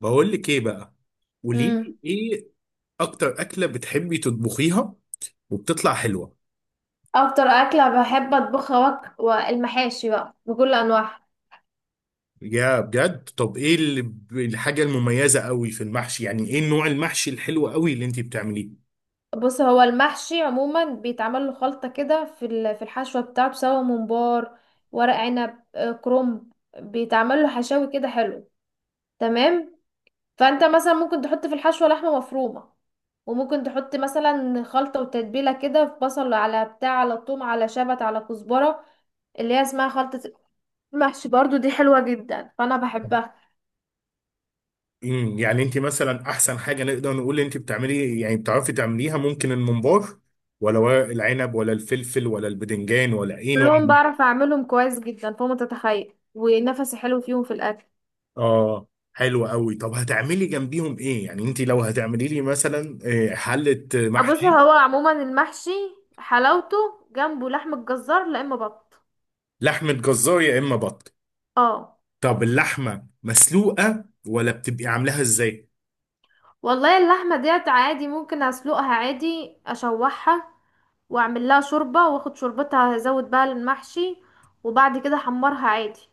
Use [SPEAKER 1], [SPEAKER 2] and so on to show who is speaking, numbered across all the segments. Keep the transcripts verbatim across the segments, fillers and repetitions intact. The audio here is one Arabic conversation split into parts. [SPEAKER 1] بقول لك ايه بقى. قولي لي
[SPEAKER 2] امم
[SPEAKER 1] ايه. اكتر اكله بتحبي تطبخيها وبتطلع حلوه؟
[SPEAKER 2] اكتر اكله بحب اطبخها وك... والمحاشي بقى بكل انواعها.
[SPEAKER 1] يا بجد. طب ايه اللي ب- الحاجه المميزه قوي في المحشي؟ يعني ايه نوع المحشي الحلو قوي اللي انت بتعمليه؟
[SPEAKER 2] بص، هو المحشي عموما بيتعمل له خلطه كده في ال- في الحشوه بتاعته، سواء ممبار، ورق عنب، آه، كرنب. بيتعمل له حشاوي كده حلو تمام. فانت مثلا ممكن تحط في الحشوه لحمه مفرومه، وممكن تحط مثلا خلطه وتتبيله كده، في بصل على بتاع، على ثوم، على شبت، على كزبره، اللي هي اسمها خلطه المحشي. برضو دي حلوه جدا فانا بحبها.
[SPEAKER 1] امم يعني انت مثلا احسن حاجه نقدر نقول انت بتعملي، يعني بتعرفي تعمليها، ممكن الممبار ولا ورق العنب ولا الفلفل ولا البدنجان ولا ايه نوع
[SPEAKER 2] كلهم
[SPEAKER 1] المحشي؟
[SPEAKER 2] بعرف اعملهم كويس جدا فوق ما تتخيل، ونفسي حلو فيهم في الاكل.
[SPEAKER 1] اه، حلو قوي. طب هتعملي جنبيهم ايه؟ يعني انت لو هتعملي لي مثلا آه، حله
[SPEAKER 2] بص،
[SPEAKER 1] محشي؟
[SPEAKER 2] هو عموما المحشي، حلاوته جنبه لحمة جزار لا اما بط.
[SPEAKER 1] لحمة جزار يا إما بط.
[SPEAKER 2] اه.
[SPEAKER 1] طب اللحمة مسلوقة ولا بتبقي عاملاها إزاي؟
[SPEAKER 2] والله اللحمة ديت عادي، ممكن اسلقها عادي، اشوحها، واعمل لها شوربة، واخد شوربتها ازود بقى المحشي، وبعد كده احمرها عادي.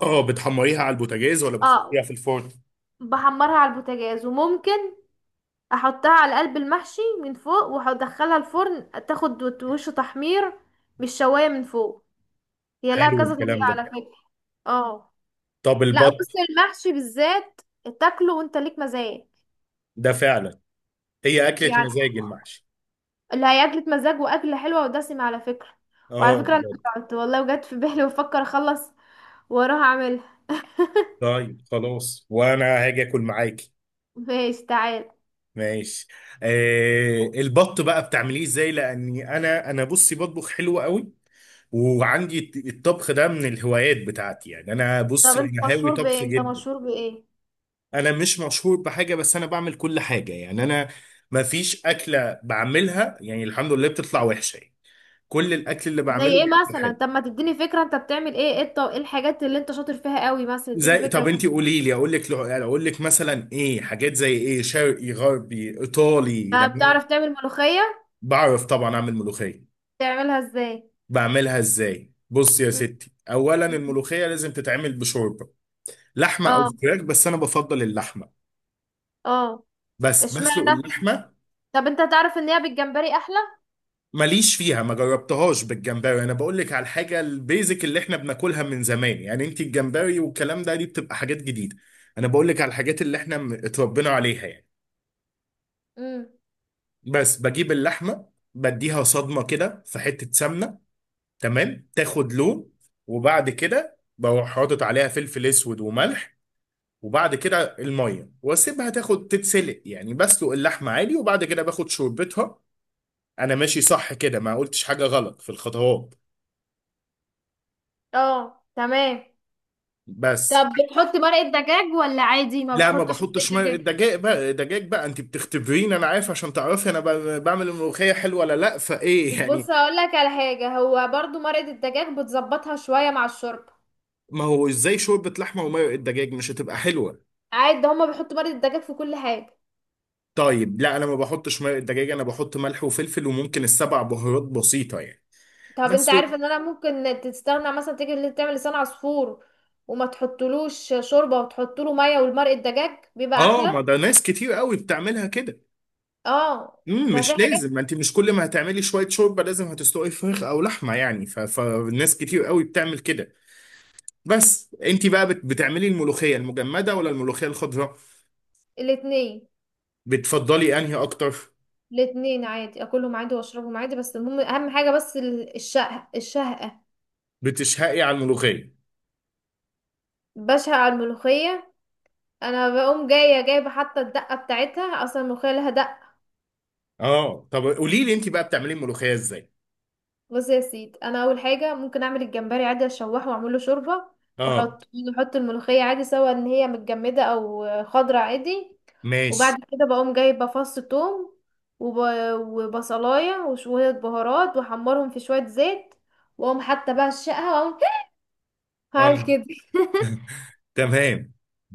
[SPEAKER 1] آه، بتحمريها على البوتاجاز ولا بتحطيها
[SPEAKER 2] اه،
[SPEAKER 1] في الفرن؟
[SPEAKER 2] بحمرها على البوتاجاز، وممكن احطها على قلب المحشي من فوق وادخلها الفرن تاخد وش تحمير، مش شواية من فوق. هي لها
[SPEAKER 1] حلو
[SPEAKER 2] كذا
[SPEAKER 1] الكلام
[SPEAKER 2] طريقة
[SPEAKER 1] ده.
[SPEAKER 2] على فكرة. اه.
[SPEAKER 1] طب
[SPEAKER 2] لا بص،
[SPEAKER 1] البط؟
[SPEAKER 2] المحشي بالذات تاكله وانت ليك مزاج.
[SPEAKER 1] ده فعلا. هي أكلة
[SPEAKER 2] يعني
[SPEAKER 1] مزاج المحشي.
[SPEAKER 2] اللي هي أكلة مزاج وأكلة حلوة ودسمة على فكرة.
[SPEAKER 1] آه،
[SPEAKER 2] وعلى فكرة أنا
[SPEAKER 1] بجد.
[SPEAKER 2] جعت والله، وجت في بالي وأفكر أخلص وأروح أعملها.
[SPEAKER 1] طيب خلاص، وأنا هاجي آكل معاكي.
[SPEAKER 2] ماشي، تعال.
[SPEAKER 1] ماشي. آه، البط بقى بتعمليه إزاي؟ لأني أنا أنا بصي بطبخ حلو قوي، وعندي الطبخ ده من الهوايات بتاعتي. يعني أنا
[SPEAKER 2] طب
[SPEAKER 1] بصي
[SPEAKER 2] أنت
[SPEAKER 1] أنا هاوي
[SPEAKER 2] مشهور بإيه؟
[SPEAKER 1] طبخ
[SPEAKER 2] أنت
[SPEAKER 1] جدا.
[SPEAKER 2] مشهور بإيه؟
[SPEAKER 1] انا مش مشهور بحاجه، بس انا بعمل كل حاجه. يعني انا ما فيش اكله بعملها يعني الحمد لله بتطلع وحشه يعني. كل الاكل اللي
[SPEAKER 2] زي
[SPEAKER 1] بعمله
[SPEAKER 2] إيه
[SPEAKER 1] بيطلع
[SPEAKER 2] مثلا؟
[SPEAKER 1] حلو.
[SPEAKER 2] طب ما تديني فكرة أنت بتعمل إيه؟ إيه الط- إيه الحاجات اللي أنت شاطر فيها قوي مثلا؟ اديني
[SPEAKER 1] زي،
[SPEAKER 2] فكرة
[SPEAKER 1] طب انت
[SPEAKER 2] كده.
[SPEAKER 1] قولي لي اقول لك، اقول لك مثلا ايه، حاجات زي ايه؟ شرقي، غربي، ايطالي؟
[SPEAKER 2] آه،
[SPEAKER 1] لان انا
[SPEAKER 2] بتعرف تعمل ملوخية؟
[SPEAKER 1] بعرف طبعا اعمل ملوخيه.
[SPEAKER 2] تعملها إزاي؟
[SPEAKER 1] بعملها ازاي؟ بص يا
[SPEAKER 2] م-
[SPEAKER 1] ستي، اولا
[SPEAKER 2] م-
[SPEAKER 1] الملوخيه لازم تتعمل بشوربه لحمه او
[SPEAKER 2] اه.
[SPEAKER 1] فراخ، بس انا بفضل اللحمه.
[SPEAKER 2] اه.
[SPEAKER 1] بس بسلق
[SPEAKER 2] اشمعنى؟
[SPEAKER 1] اللحمه.
[SPEAKER 2] طب انت تعرف ان هي بالجمبري احلى.
[SPEAKER 1] ماليش فيها، ما جربتهاش بالجمبري. انا بقول لك على الحاجه البيزك اللي احنا بناكلها من زمان يعني. انت الجمبري والكلام ده دي بتبقى حاجات جديده. انا بقول لك على الحاجات اللي احنا م- اتربينا عليها يعني.
[SPEAKER 2] امم.
[SPEAKER 1] بس بجيب اللحمه، بديها صدمه كده في حته سمنه، تمام، تاخد لون. وبعد كده بروح حاطط عليها فلفل اسود وملح، وبعد كده الميه، واسيبها تاخد تتسلق يعني. بسلق اللحمه عادي، وبعد كده باخد شوربتها. انا ماشي صح كده؟ ما قلتش حاجه غلط في الخطوات؟
[SPEAKER 2] اه تمام.
[SPEAKER 1] بس.
[SPEAKER 2] طب بتحط مرقة دجاج ولا عادي ما
[SPEAKER 1] لا، ما
[SPEAKER 2] بتحطش مرقة
[SPEAKER 1] بحطش ميه
[SPEAKER 2] دجاج؟
[SPEAKER 1] دجاج بقى. دجاج بقى انت بتختبريني؟ انا عارف عشان تعرفي انا ب- بعمل الملوخيه حلوه ولا لا، فايه يعني.
[SPEAKER 2] بص، هقول لك على حاجه، هو برضو مرقه الدجاج بتظبطها شويه مع الشوربه.
[SPEAKER 1] ما هو ازاي شوربه لحمه ومرق الدجاج مش هتبقى حلوه.
[SPEAKER 2] عادي، ده هما بيحطوا مرقه الدجاج في كل حاجه.
[SPEAKER 1] طيب لا، انا ما بحطش مرق الدجاج. انا بحط ملح وفلفل وممكن السبع بهارات بسيطه يعني.
[SPEAKER 2] طب انت
[SPEAKER 1] بس و-
[SPEAKER 2] عارف ان انا ممكن تستغنى، مثلا تيجي اللي تعمل لسان عصفور وما تحطلوش شوربه، وتحطله ميه والمرقه الدجاج، بيبقى
[SPEAKER 1] اه، ما
[SPEAKER 2] احلى.
[SPEAKER 1] ده ناس كتير قوي بتعملها كده.
[SPEAKER 2] اه.
[SPEAKER 1] امم
[SPEAKER 2] ده في
[SPEAKER 1] مش لازم. ما
[SPEAKER 2] حاجات.
[SPEAKER 1] انت مش كل ما هتعملي شويه شوربه لازم هتسلقي فراخ او لحمه يعني. ف- فالناس كتير قوي بتعمل كده. بس انت بقى بت- بتعملي الملوخيه المجمده ولا الملوخيه الخضراء؟
[SPEAKER 2] الاتنين.
[SPEAKER 1] بتفضلي انهي اكتر؟
[SPEAKER 2] الاتنين عادي، اكلهم عادي واشربهم عادي، بس المهم اهم حاجه بس ال- الشقه الشهقه.
[SPEAKER 1] بتشهقي على الملوخيه؟
[SPEAKER 2] بشهق على الملوخيه. انا بقوم جايه جايبه حتى الدقه بتاعتها، اصلا الملوخيه لها دقه.
[SPEAKER 1] اه، طب قولي لي انت بقى بتعملي الملوخيه ازاي.
[SPEAKER 2] بص يا سيدي، انا اول حاجه ممكن اعمل الجمبري عادي، اشوحه واعمل له شوربه،
[SPEAKER 1] اه،
[SPEAKER 2] واحط، احط الملوخيه عادي سواء ان هي متجمده او خضره عادي. وبعد
[SPEAKER 1] ماشي.
[SPEAKER 2] كده بقوم جايبه فص ثوم وب... وبصلايه وشويه بهارات، واحمرهم في شويه زيت، واقوم حتى بقى الشقه واقوم.
[SPEAKER 1] اه،
[SPEAKER 2] هعمل كده.
[SPEAKER 1] تمام.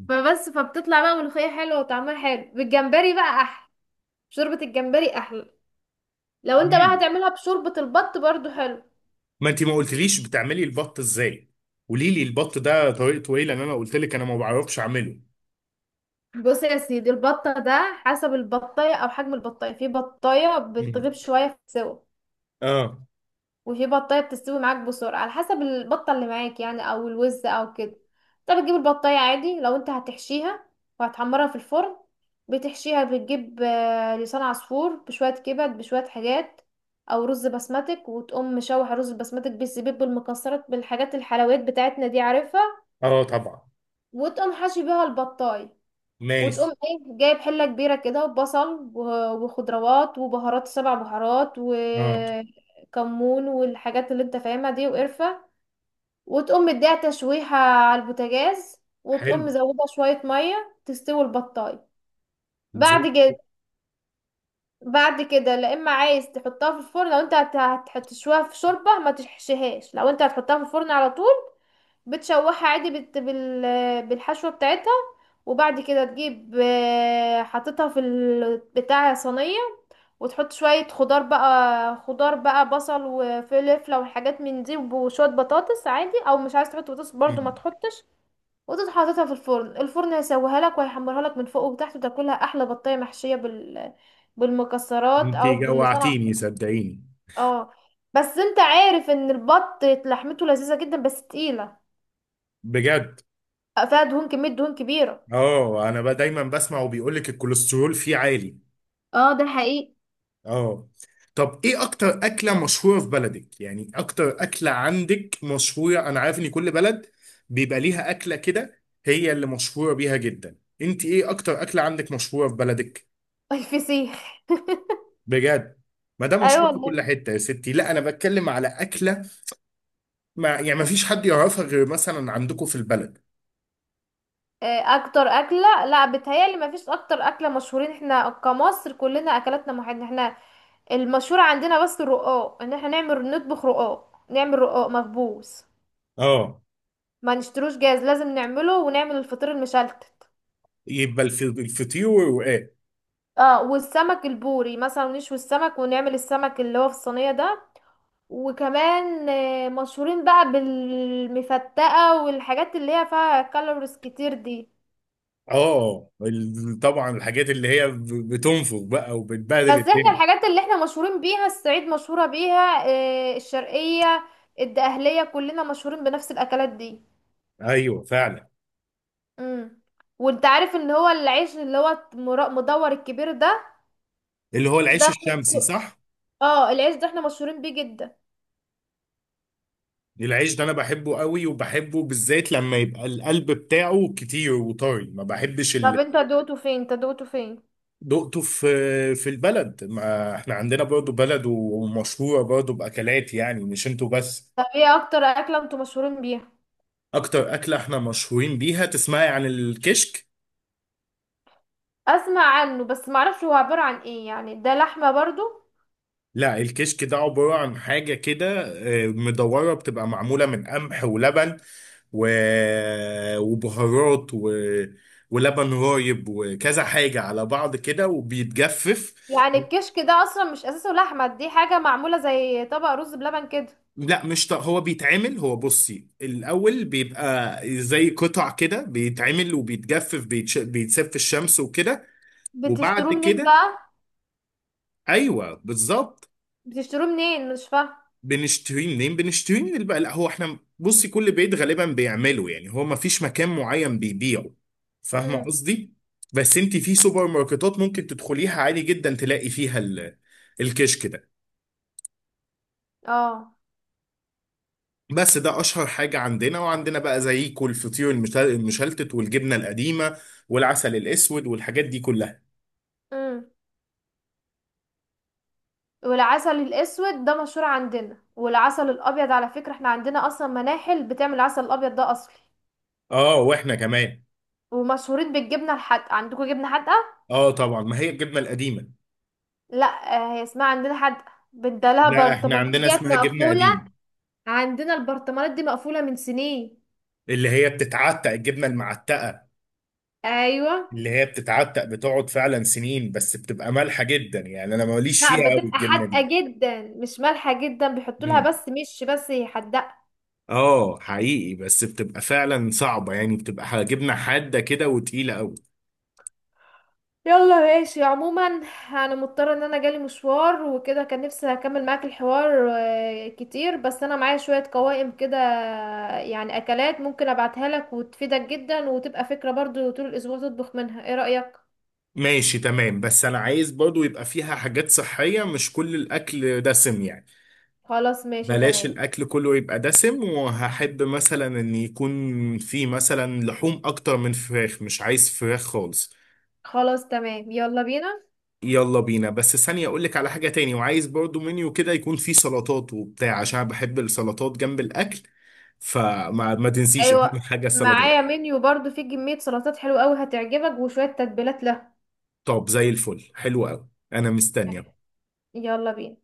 [SPEAKER 2] فبس، فبتطلع بقى ملوخية حلوة وطعمها حلو، بالجمبري بقى أحلى، شوربة الجمبري أحلى. لو انت بقى
[SPEAKER 1] مم.
[SPEAKER 2] هتعملها بشوربة البط برضو حلو.
[SPEAKER 1] ما انت ما قلتليش بتعملي البط ازاي. قولي لي البط ده طريقته ايه، لان انا قلت لك انا ما بعرفش اعمله.
[SPEAKER 2] بص يا سيدي، البطة ده حسب البطاية أو حجم البطاية، في بطاية
[SPEAKER 1] مم.
[SPEAKER 2] بتغيب شوية في السوا،
[SPEAKER 1] اه.
[SPEAKER 2] وفي بطايه بتستوي معاك بسرعه، على حسب البطه اللي معاك يعني، او الوز او كده. انت بتجيب البطايه عادي، لو انت هتحشيها وهتحمرها في الفرن، بتحشيها بتجيب آه، لسان عصفور بشويه كبد بشويه حاجات، او رز بسمتك، وتقوم مشوح رز بسمتك بالزبيب بالمكسرات بالحاجات الحلويات بتاعتنا دي عارفها،
[SPEAKER 1] اه طبعا.
[SPEAKER 2] وتقوم حاشي بيها البطايه. وتقوم
[SPEAKER 1] ماشي.
[SPEAKER 2] ايه، جايب حلة كبيرة كده وبصل و- وخضروات وبهارات، سبع بهارات
[SPEAKER 1] اه.
[SPEAKER 2] وكمون والحاجات اللي انت فاهمها دي، وقرفة، وتقوم مديها تشويحة على البوتاجاز، وتقوم
[SPEAKER 1] حلو.
[SPEAKER 2] مزودة شوية مية تستوي البطاية. بعد
[SPEAKER 1] ازاي؟
[SPEAKER 2] كده، بعد كده لا اما عايز تحطها في الفرن، لو انت هت- هت- هتشويها في شوربة ما تشحشهاش، لو انت هتحطها في الفرن على طول بتشوحها عادي بت... بال... بالحشوة بتاعتها، وبعد كده تجيب آه، حطيتها في البتاع صينية، وتحط شوية خضار بقى، خضار بقى، بصل وفلفلة وحاجات من دي، وشوية بطاطس عادي، او مش عايز تحط بطاطس برضو ما
[SPEAKER 1] مم.
[SPEAKER 2] تحطش، وتروح حاططها في الفرن. الفرن هيسويها لك وهيحمرها لك من فوق وتحت، وتاكلها احلى بطايه محشيه بال بالمكسرات
[SPEAKER 1] انت
[SPEAKER 2] او باللسان على
[SPEAKER 1] جوعتيني
[SPEAKER 2] الحب.
[SPEAKER 1] صدقيني.
[SPEAKER 2] اه. بس انت عارف ان البط لحمته لذيذه جدا، بس تقيله،
[SPEAKER 1] بجد.
[SPEAKER 2] فيها دهون، كمية دهون كبيرة.
[SPEAKER 1] اه، انا بقى دايما بسمع وبيقول لك الكوليسترول فيه عالي.
[SPEAKER 2] اه، ده حقيقي.
[SPEAKER 1] اه. طب ايه اكتر اكله مشهوره في بلدك؟ يعني اكتر اكله عندك مشهوره. انا عارف ان كل بلد بيبقى ليها اكله كده هي اللي مشهوره بيها جدا. انت ايه اكتر اكله عندك مشهوره في بلدك؟
[SPEAKER 2] الفسيخ.
[SPEAKER 1] بجد؟ ما ده
[SPEAKER 2] ايوه
[SPEAKER 1] مشهور في كل
[SPEAKER 2] والله.
[SPEAKER 1] حته يا ستي. لا، انا بتكلم على اكله، ما يعني ما فيش حد يعرفها غير مثلا عندكم في البلد.
[SPEAKER 2] آه، اكتر اكله، لا بتهيالي ما فيش اكتر اكله مشهورين، احنا كمصر كلنا اكلاتنا محدده. احنا المشهور عندنا بس الرقاق، ان احنا نعمل نطبخ رقاق، نعمل رقاق مخبوز،
[SPEAKER 1] اه،
[SPEAKER 2] ما نشتروش جاهز، لازم نعمله، ونعمل الفطير المشلتت.
[SPEAKER 1] يبقى الف- الفطير والرقاق.
[SPEAKER 2] اه، والسمك البوري مثلا، نشوي السمك ونعمل السمك اللي هو في الصينيه ده. وكمان آه، مشهورين بقى بالمفتقه، والحاجات اللي هي فيها كالوريز كتير دي.
[SPEAKER 1] اه، ال- طبعا الحاجات اللي هي ب- بتنفخ بقى وبتبهدل
[SPEAKER 2] بس احنا
[SPEAKER 1] الدنيا.
[SPEAKER 2] الحاجات اللي احنا مشهورين بيها، الصعيد مشهورة بيها، آه، الشرقية، الدقهلية، كلنا مشهورين بنفس الأكلات دي.
[SPEAKER 1] ايوه فعلا.
[SPEAKER 2] امم. وانت عارف ان هو العيش اللي هو مرا- مدور الكبير ده،
[SPEAKER 1] اللي هو
[SPEAKER 2] ده
[SPEAKER 1] العيش
[SPEAKER 2] احنا
[SPEAKER 1] الشمسي،
[SPEAKER 2] مشهور،
[SPEAKER 1] صح؟
[SPEAKER 2] اه، العيش ده احنا مشهورين بيه جدا.
[SPEAKER 1] العيش ده انا بحبه قوي، وبحبه بالذات لما يبقى القلب بتاعه كتير وطري. ما بحبش
[SPEAKER 2] طب
[SPEAKER 1] اللي
[SPEAKER 2] انت دوقته فين؟ انت دوقته فين؟
[SPEAKER 1] دقته في في البلد. ما احنا عندنا برضو بلد ومشهورة برضو بأكلات، يعني مش انتوا بس.
[SPEAKER 2] طب ايه اكتر أكلة انتوا مشهورين بيها؟
[SPEAKER 1] اكتر أكلة احنا مشهورين بيها، تسمعي عن الكشك؟
[SPEAKER 2] اسمع عنه بس معرفش هو عبارة عن ايه، يعني ده لحمة برضو؟
[SPEAKER 1] لا، الكشك ده عبارة عن حاجة كده آه، مدورة، بتبقى معمولة من قمح ولبن، و... وبهارات و... ولبن رايب وكذا حاجة على بعض كده وبيتجفف.
[SPEAKER 2] يعني الكشك ده اصلا مش اساسه لحمة، دي حاجة معمولة زي طبق رز بلبن كده؟
[SPEAKER 1] لا مش ط... هو بيتعمل. هو بصي الأول بيبقى زي قطع كده، بيتعمل وبيتجفف، بيتش... بيتساب في الشمس وكده. وبعد
[SPEAKER 2] بتشتروه منين
[SPEAKER 1] كده،
[SPEAKER 2] بقى؟
[SPEAKER 1] أيوه بالظبط.
[SPEAKER 2] بتشتروه منين؟ مش فاهمه.
[SPEAKER 1] بنشتريه منين؟ بنشتريه من البقاء. لا، هو احنا بصي كل بيت غالبا بيعمله يعني، هو ما فيش مكان معين بيبيعه، فاهمه
[SPEAKER 2] امم.
[SPEAKER 1] قصدي. بس انت في سوبر ماركتات ممكن تدخليها عادي جدا تلاقي فيها ال- الكشك ده.
[SPEAKER 2] اه.
[SPEAKER 1] بس ده اشهر حاجه عندنا. وعندنا بقى زيكو الفطير المشل- المشلتت والجبنه القديمه والعسل الاسود والحاجات دي كلها.
[SPEAKER 2] امم. والعسل الاسود ده مشهور عندنا، والعسل الابيض على فكره احنا عندنا اصلا مناحل بتعمل العسل الابيض ده اصلي.
[SPEAKER 1] اه، واحنا كمان.
[SPEAKER 2] ومشهورين بالجبنه الحادقه، عندكم جبنه حادقه؟
[SPEAKER 1] اه طبعا، ما هي الجبنه القديمه.
[SPEAKER 2] لا، آه، هي اسمها عندنا حادقه، بدلها
[SPEAKER 1] لا، احنا
[SPEAKER 2] برطمانات
[SPEAKER 1] عندنا
[SPEAKER 2] ديت
[SPEAKER 1] اسمها جبنه
[SPEAKER 2] مقفوله.
[SPEAKER 1] قديمه.
[SPEAKER 2] عندنا البرطمانات دي مقفوله من سنين.
[SPEAKER 1] اللي هي بتتعتق، الجبنه المعتقه.
[SPEAKER 2] ايوه.
[SPEAKER 1] اللي هي بتتعتق بتقعد فعلا سنين، بس بتبقى مالحة جدا يعني، انا ماليش
[SPEAKER 2] لا،
[SPEAKER 1] فيها قوي
[SPEAKER 2] بتبقى
[SPEAKER 1] الجبنة
[SPEAKER 2] حادقه
[SPEAKER 1] دي.
[SPEAKER 2] جدا مش مالحه جدا، بيحطوا لها
[SPEAKER 1] مم.
[SPEAKER 2] بس، مش بس، هي حادقه.
[SPEAKER 1] اه حقيقي، بس بتبقى فعلا صعبة يعني، بتبقى جبنة حادة كده وتقيلة قوي.
[SPEAKER 2] يلا ماشي، عموما انا مضطره ان انا جالي مشوار وكده، كان نفسي اكمل معاك الحوار آه، كتير، بس انا معايا شويه قوائم كده، آه، يعني اكلات ممكن ابعتها لك وتفيدك جدا، وتبقى فكره برضو طول الاسبوع تطبخ منها، ايه رايك؟
[SPEAKER 1] ماشي تمام، بس انا عايز برضو يبقى فيها حاجات صحية، مش كل الاكل دسم يعني.
[SPEAKER 2] خلاص ماشي
[SPEAKER 1] بلاش
[SPEAKER 2] تمام.
[SPEAKER 1] الاكل كله يبقى دسم، وهحب مثلا ان يكون فيه مثلا لحوم اكتر من فراخ، مش عايز فراخ خالص.
[SPEAKER 2] خلاص تمام، يلا بينا.
[SPEAKER 1] يلا بينا. بس ثانية، اقول لك على حاجة تاني، وعايز برضو منيو كده يكون فيه سلطات وبتاع، عشان أنا بحب السلطات جنب الاكل. فما ما تنسيش اهم
[SPEAKER 2] ايوه،
[SPEAKER 1] حاجة السلطات.
[SPEAKER 2] معايا منيو برضو فيه كميه سلطات حلوه قوي هتعجبك، وشويه تتبيلات لها.
[SPEAKER 1] طب زي الفل، حلو قوي، انا مستني.
[SPEAKER 2] يلا بينا.